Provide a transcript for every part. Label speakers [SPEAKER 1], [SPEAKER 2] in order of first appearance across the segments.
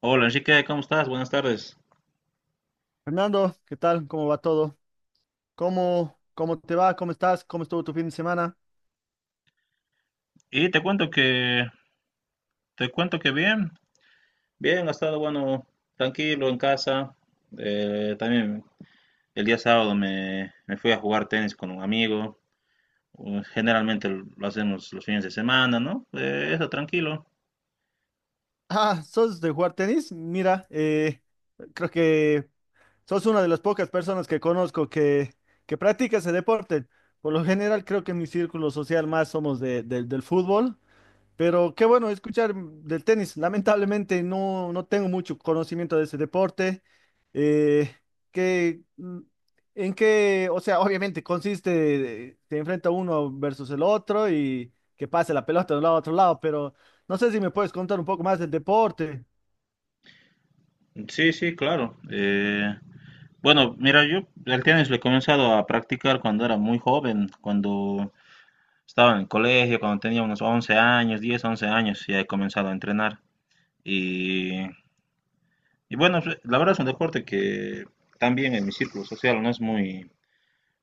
[SPEAKER 1] Hola Enrique, ¿cómo estás? Buenas tardes.
[SPEAKER 2] Fernando, ¿qué tal? ¿Cómo va todo? ¿Cómo te va? ¿Cómo estás? ¿Cómo estuvo tu fin de semana?
[SPEAKER 1] Y te cuento que, te cuento que bien, bien, ha estado bueno, tranquilo en casa. También el día sábado me fui a jugar tenis con un amigo. Generalmente lo hacemos los fines de semana, ¿no? Eso, tranquilo.
[SPEAKER 2] Ah, ¿sos de jugar tenis? Mira, creo que sos una de las pocas personas que conozco que practica ese deporte. Por lo general, creo que en mi círculo social más somos del fútbol. Pero qué bueno escuchar del tenis. Lamentablemente no, no tengo mucho conocimiento de ese deporte. Eh, ¿qué- mm, o sea, obviamente consiste, se enfrenta uno versus el otro y que pase la pelota de un lado a otro lado, pero no sé si me puedes contar un poco más del deporte.
[SPEAKER 1] Sí, sí, claro. Bueno, mira, yo el tenis lo he comenzado a practicar cuando era muy joven, cuando estaba en el colegio, cuando tenía unos 11 años, 10, 11 años, ya he comenzado a entrenar. Y Y bueno, pues, la verdad es un deporte que también en mi círculo social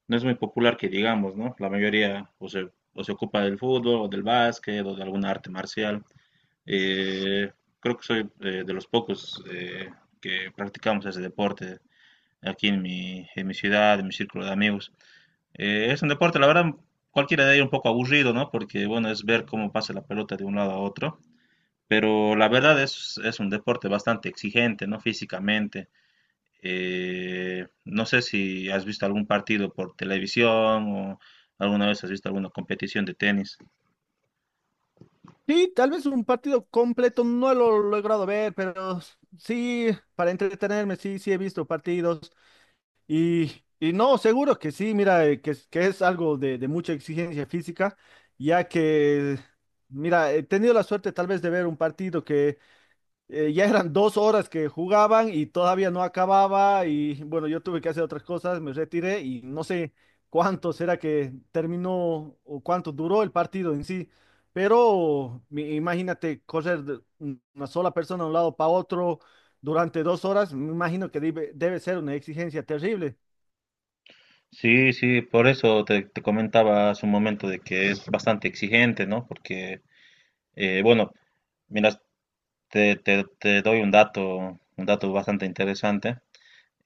[SPEAKER 1] no es muy popular que digamos, ¿no? La mayoría o se ocupa del fútbol, o del básquet, o de alguna arte marcial. Eh, creo que soy de los pocos que practicamos ese deporte aquí en mi ciudad, en mi círculo de amigos. Es un deporte, la verdad, cualquiera de ellos un poco aburrido, ¿no? Porque, bueno, es ver cómo pasa la pelota de un lado a otro. Pero es un deporte bastante exigente, ¿no? Físicamente. No sé si has visto algún partido por televisión o alguna vez has visto alguna competición de tenis.
[SPEAKER 2] Sí, tal vez un partido completo no lo he logrado ver, pero sí, para entretenerme, sí he visto partidos. Y no, seguro que sí, mira, que es algo de mucha exigencia física, ya que, mira, he tenido la suerte tal vez de ver un partido que ya eran dos horas que jugaban y todavía no acababa y bueno, yo tuve que hacer otras cosas, me retiré y no sé cuánto será que terminó o cuánto duró el partido en sí, pero imagínate correr de una sola persona de un lado para otro durante dos horas, me imagino que debe ser una exigencia terrible.
[SPEAKER 1] Sí, sí, por eso te comentaba hace un momento de que es bastante exigente, ¿no? Porque, bueno, mira, te doy un dato bastante interesante.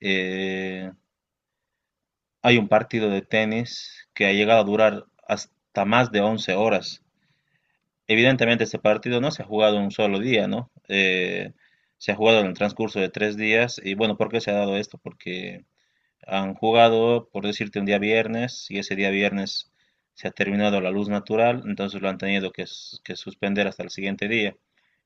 [SPEAKER 1] Eh, hay un partido de tenis que ha llegado a durar hasta más de 11 horas. Evidentemente este partido no se ha jugado en un solo día, ¿no? Se ha jugado en el transcurso de 3 días y bueno, ¿por qué se ha dado esto? Porque han jugado, por decirte, un día viernes y ese día viernes se ha terminado la luz natural, entonces lo han tenido que suspender hasta el siguiente día.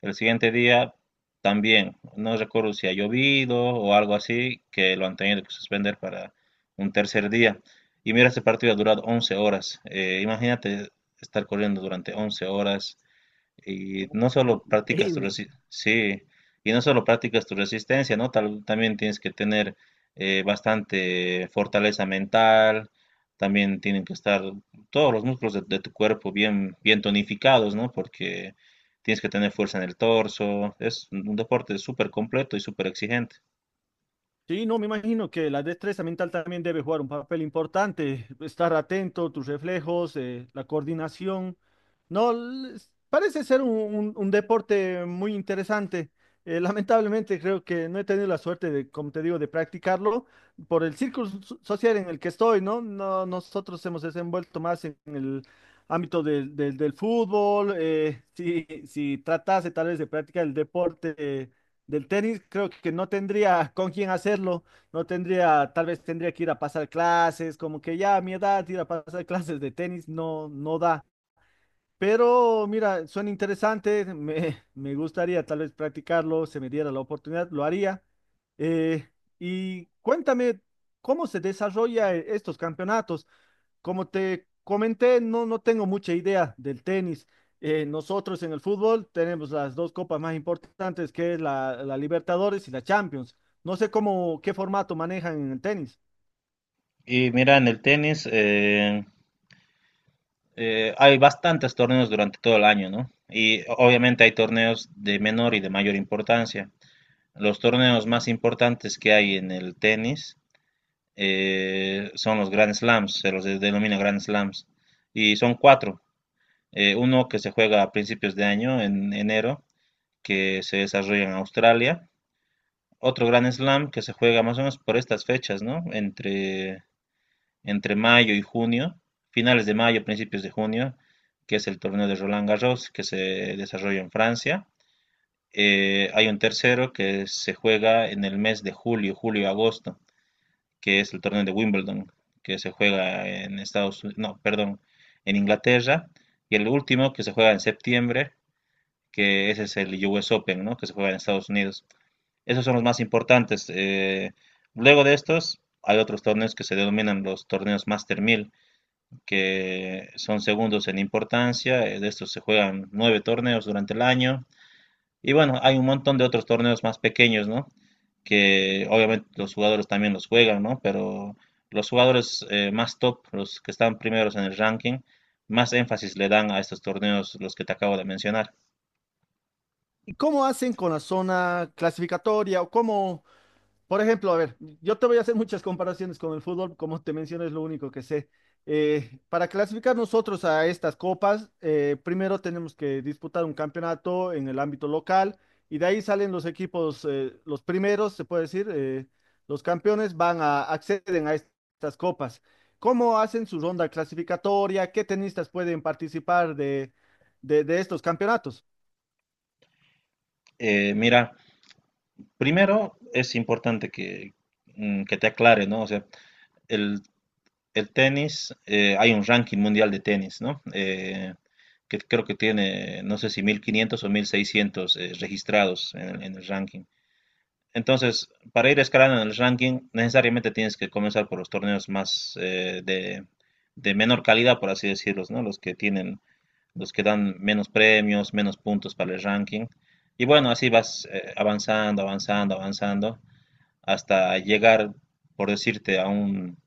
[SPEAKER 1] El siguiente día también, no recuerdo si ha llovido o algo así, que lo han tenido que suspender para un tercer día. Y mira, este partido ha durado 11 horas. Imagínate estar corriendo durante 11 horas y no solo practicas tu
[SPEAKER 2] Increíble.
[SPEAKER 1] resi- sí, y no solo practicas tu resistencia, ¿no? También tienes que tener bastante fortaleza mental, también tienen que estar todos los músculos de tu cuerpo bien, bien tonificados, ¿no? Porque tienes que tener fuerza en el torso, es un deporte súper completo y súper exigente.
[SPEAKER 2] Sí, no, me imagino que la destreza mental también debe jugar un papel importante. Estar atento, tus reflejos, la coordinación. No, parece ser un, un deporte muy interesante. Lamentablemente creo que no he tenido la suerte de, como te digo, de practicarlo por el círculo social en el que estoy, ¿no? No, nosotros hemos desenvuelto más en el ámbito del del fútbol. Si tratase tal vez de practicar el deporte. Del tenis creo que no tendría con quién hacerlo, no tendría, tal vez tendría que ir a pasar clases, como que ya a mi edad ir a pasar clases de tenis no, no da. Pero mira, suena interesante, me gustaría tal vez practicarlo, se me diera la oportunidad, lo haría. Eh, y cuéntame, ¿cómo se desarrolla estos campeonatos? Como te comenté, no, no tengo mucha idea del tenis. Nosotros en el fútbol tenemos las dos copas más importantes, que es la Libertadores y la Champions. No sé cómo, qué formato manejan en el tenis.
[SPEAKER 1] Y mira, en el tenis hay bastantes torneos durante todo el año, ¿no? Y obviamente hay torneos de menor y de mayor importancia. Los torneos más importantes que hay en el tenis son los Grand Slams, se los denomina Grand Slams, y son cuatro. Uno que se juega a principios de año, en enero, que se desarrolla en Australia. Otro Grand Slam que se juega más o menos por estas fechas, ¿no? Entre mayo y junio, finales de mayo, principios de junio, que es el torneo de Roland Garros, que se desarrolla en Francia. Hay un tercero que se juega en el mes de julio, julio-agosto, que es el torneo de Wimbledon, que se juega en Estados Unidos, no, perdón, en Inglaterra, y el último que se juega en septiembre, que ese es el US Open, ¿no? Que se juega en Estados Unidos. Esos son los más importantes. Luego de estos, hay otros torneos que se denominan los torneos Master Mil, que son segundos en importancia. De estos se juegan nueve torneos durante el año y bueno, hay un montón de otros torneos más pequeños, ¿no? Que obviamente los jugadores también los juegan, ¿no? Pero los jugadores más top, los que están primeros en el ranking, más énfasis le dan a estos torneos, los que te acabo de mencionar.
[SPEAKER 2] ¿Y cómo hacen con la zona clasificatoria por ejemplo? A ver, yo te voy a hacer muchas comparaciones con el fútbol, como te mencioné, es lo único que sé. Para clasificar nosotros a estas copas, primero tenemos que disputar un campeonato en el ámbito local y de ahí salen los equipos, los primeros, se puede decir, los campeones van a acceden a estas copas. ¿Cómo hacen su ronda clasificatoria? ¿Qué tenistas pueden participar de, de estos campeonatos?
[SPEAKER 1] Mira, primero es importante que te aclare, ¿no? O sea, el, el tenis, hay un ranking mundial de tenis, ¿no? Que creo que tiene, no sé si 1.500 o 1.600 registrados en el ranking. Entonces, para ir escalando en el ranking, necesariamente tienes que comenzar por los torneos más de menor calidad, por así decirlos, ¿no? Los que dan menos premios, menos puntos para el ranking. Y bueno, así vas avanzando, avanzando, avanzando, hasta llegar, por decirte,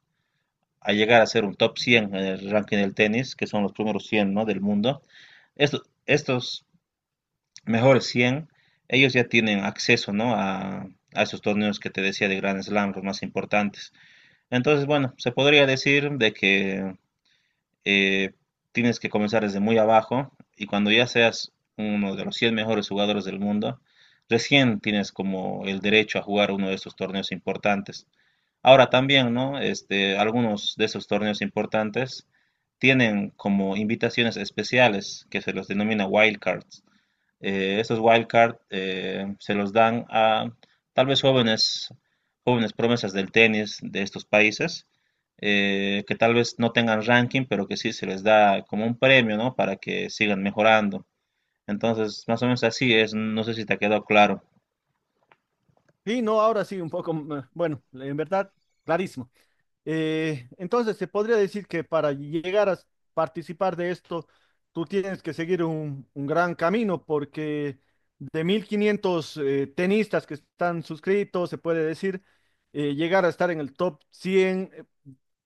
[SPEAKER 1] a llegar a ser un top 100 en el ranking del tenis, que son los primeros 100, ¿no? Del mundo. Estos Mejor 100, ellos ya tienen acceso, ¿no? A esos torneos que te decía de Grand Slam, los más importantes. Entonces, bueno, se podría decir de que eh, tienes que comenzar desde muy abajo y cuando ya seas uno de los 100 mejores jugadores del mundo, recién tienes como el derecho a jugar uno de estos torneos importantes. Ahora también, ¿no? Este, algunos de esos torneos importantes tienen como invitaciones especiales que se los denomina wildcards. Estos wildcard se los dan a tal vez jóvenes, jóvenes promesas del tenis de estos países, que tal vez no tengan ranking, pero que sí se les da como un premio, ¿no? Para que sigan mejorando. Entonces, más o menos así es, no sé si te ha quedado claro.
[SPEAKER 2] Y no, ahora sí, un poco, bueno, en verdad, clarísimo. Entonces, se podría decir que para llegar a participar de esto, tú tienes que seguir un gran camino porque de 1.500 tenistas que están suscritos, se puede decir, llegar a estar en el top 100 eh,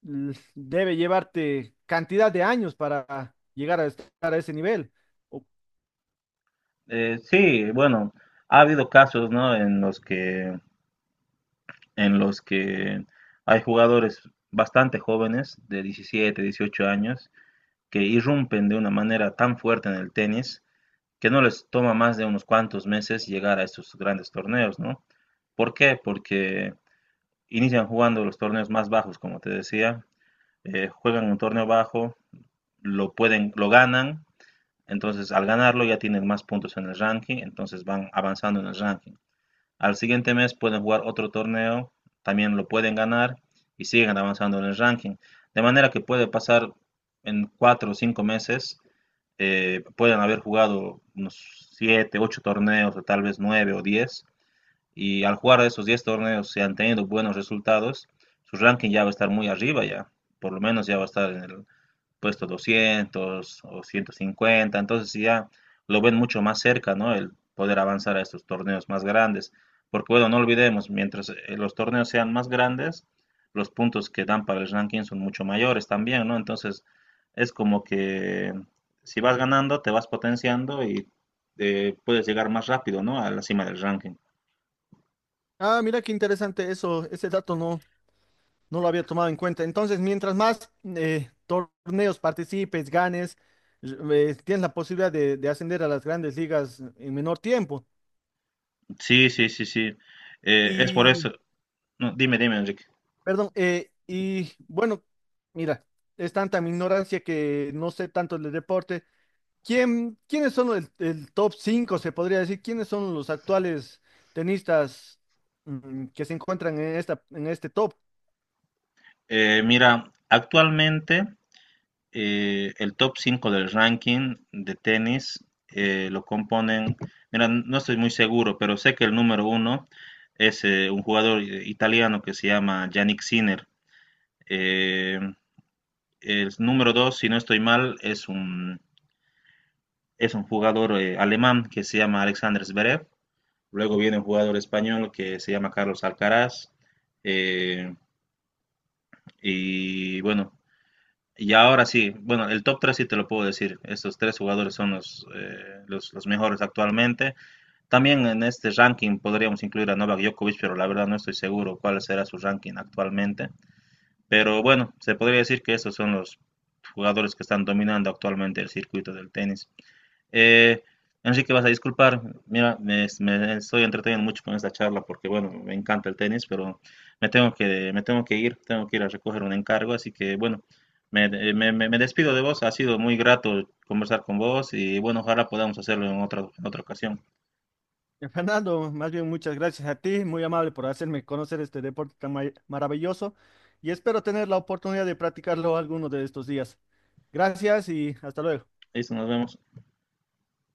[SPEAKER 2] l- debe llevarte cantidad de años para llegar a estar a ese nivel. O-
[SPEAKER 1] Sí, bueno, ha habido casos, ¿no? En los que hay jugadores bastante jóvenes, de 17, 18 años, que irrumpen de una manera tan fuerte en el tenis que no les toma más de unos cuantos meses llegar a estos grandes torneos, ¿no? ¿Por qué? Porque inician jugando los torneos más bajos, como te decía, juegan un torneo bajo, lo ganan, entonces al ganarlo ya tienen más puntos en el ranking, entonces van avanzando en el ranking. Al siguiente mes pueden jugar otro torneo, también lo pueden ganar y siguen avanzando en el ranking. De manera que puede pasar en cuatro o cinco meses, pueden haber jugado unos siete, ocho torneos, o tal vez nueve o diez. Y al jugar esos 10 torneos, si han tenido buenos resultados, su ranking ya va a estar muy arriba ya. Por lo menos ya va a estar en el puesto 200 o 150, entonces sí ya lo ven mucho más cerca, ¿no? El poder avanzar a estos torneos más grandes, porque bueno, no olvidemos, mientras los torneos sean más grandes, los puntos que dan para el ranking son mucho mayores también, ¿no? Entonces es como que si vas ganando, te vas potenciando y puedes llegar más rápido, ¿no? A la cima del ranking.
[SPEAKER 2] Ah, mira qué interesante eso, ese dato no, no lo había tomado en cuenta. Entonces, mientras más torneos participes, ganes, tienes la posibilidad de, ascender a las grandes ligas en menor tiempo.
[SPEAKER 1] Sí, sí, sí, sí. Es por
[SPEAKER 2] Y,
[SPEAKER 1] eso. No, dime, dime, Enrique.
[SPEAKER 2] perdón, y bueno, mira, es tanta mi ignorancia que no sé tanto del deporte. ¿Quién, quiénes son el top 5 se podría decir? ¿Quiénes son los actuales tenistas que se encuentran en esta, en este top?
[SPEAKER 1] Mira, actualmente el top 5 del ranking de tenis lo componen, mira, no estoy muy seguro, pero sé que el número uno es un jugador italiano que se llama Yannick Sinner. Eh, el número dos, si no estoy mal, es un jugador alemán que se llama Alexander Zverev. Luego viene un jugador español que se llama Carlos Alcaraz. Eh, y bueno, y ahora sí, bueno, el top 3 sí te lo puedo decir. Estos tres jugadores son los mejores actualmente. También en este ranking podríamos incluir a Novak Djokovic, pero la verdad no estoy seguro cuál será su ranking actualmente. Pero bueno, se podría decir que estos son los jugadores que están dominando actualmente el circuito del tenis. Eh, Enrique, vas a disculpar, mira, me estoy entreteniendo mucho con esta charla porque, bueno, me encanta el tenis, pero me tengo que ir a recoger un encargo, así que, bueno, me despido de vos, ha sido muy grato conversar con vos y, bueno, ojalá podamos hacerlo en otra ocasión.
[SPEAKER 2] Fernando, más bien muchas gracias a ti, muy amable por hacerme conocer este deporte tan maravilloso y espero tener la oportunidad de practicarlo alguno de estos días. Gracias y hasta luego.
[SPEAKER 1] Listo, nos vemos.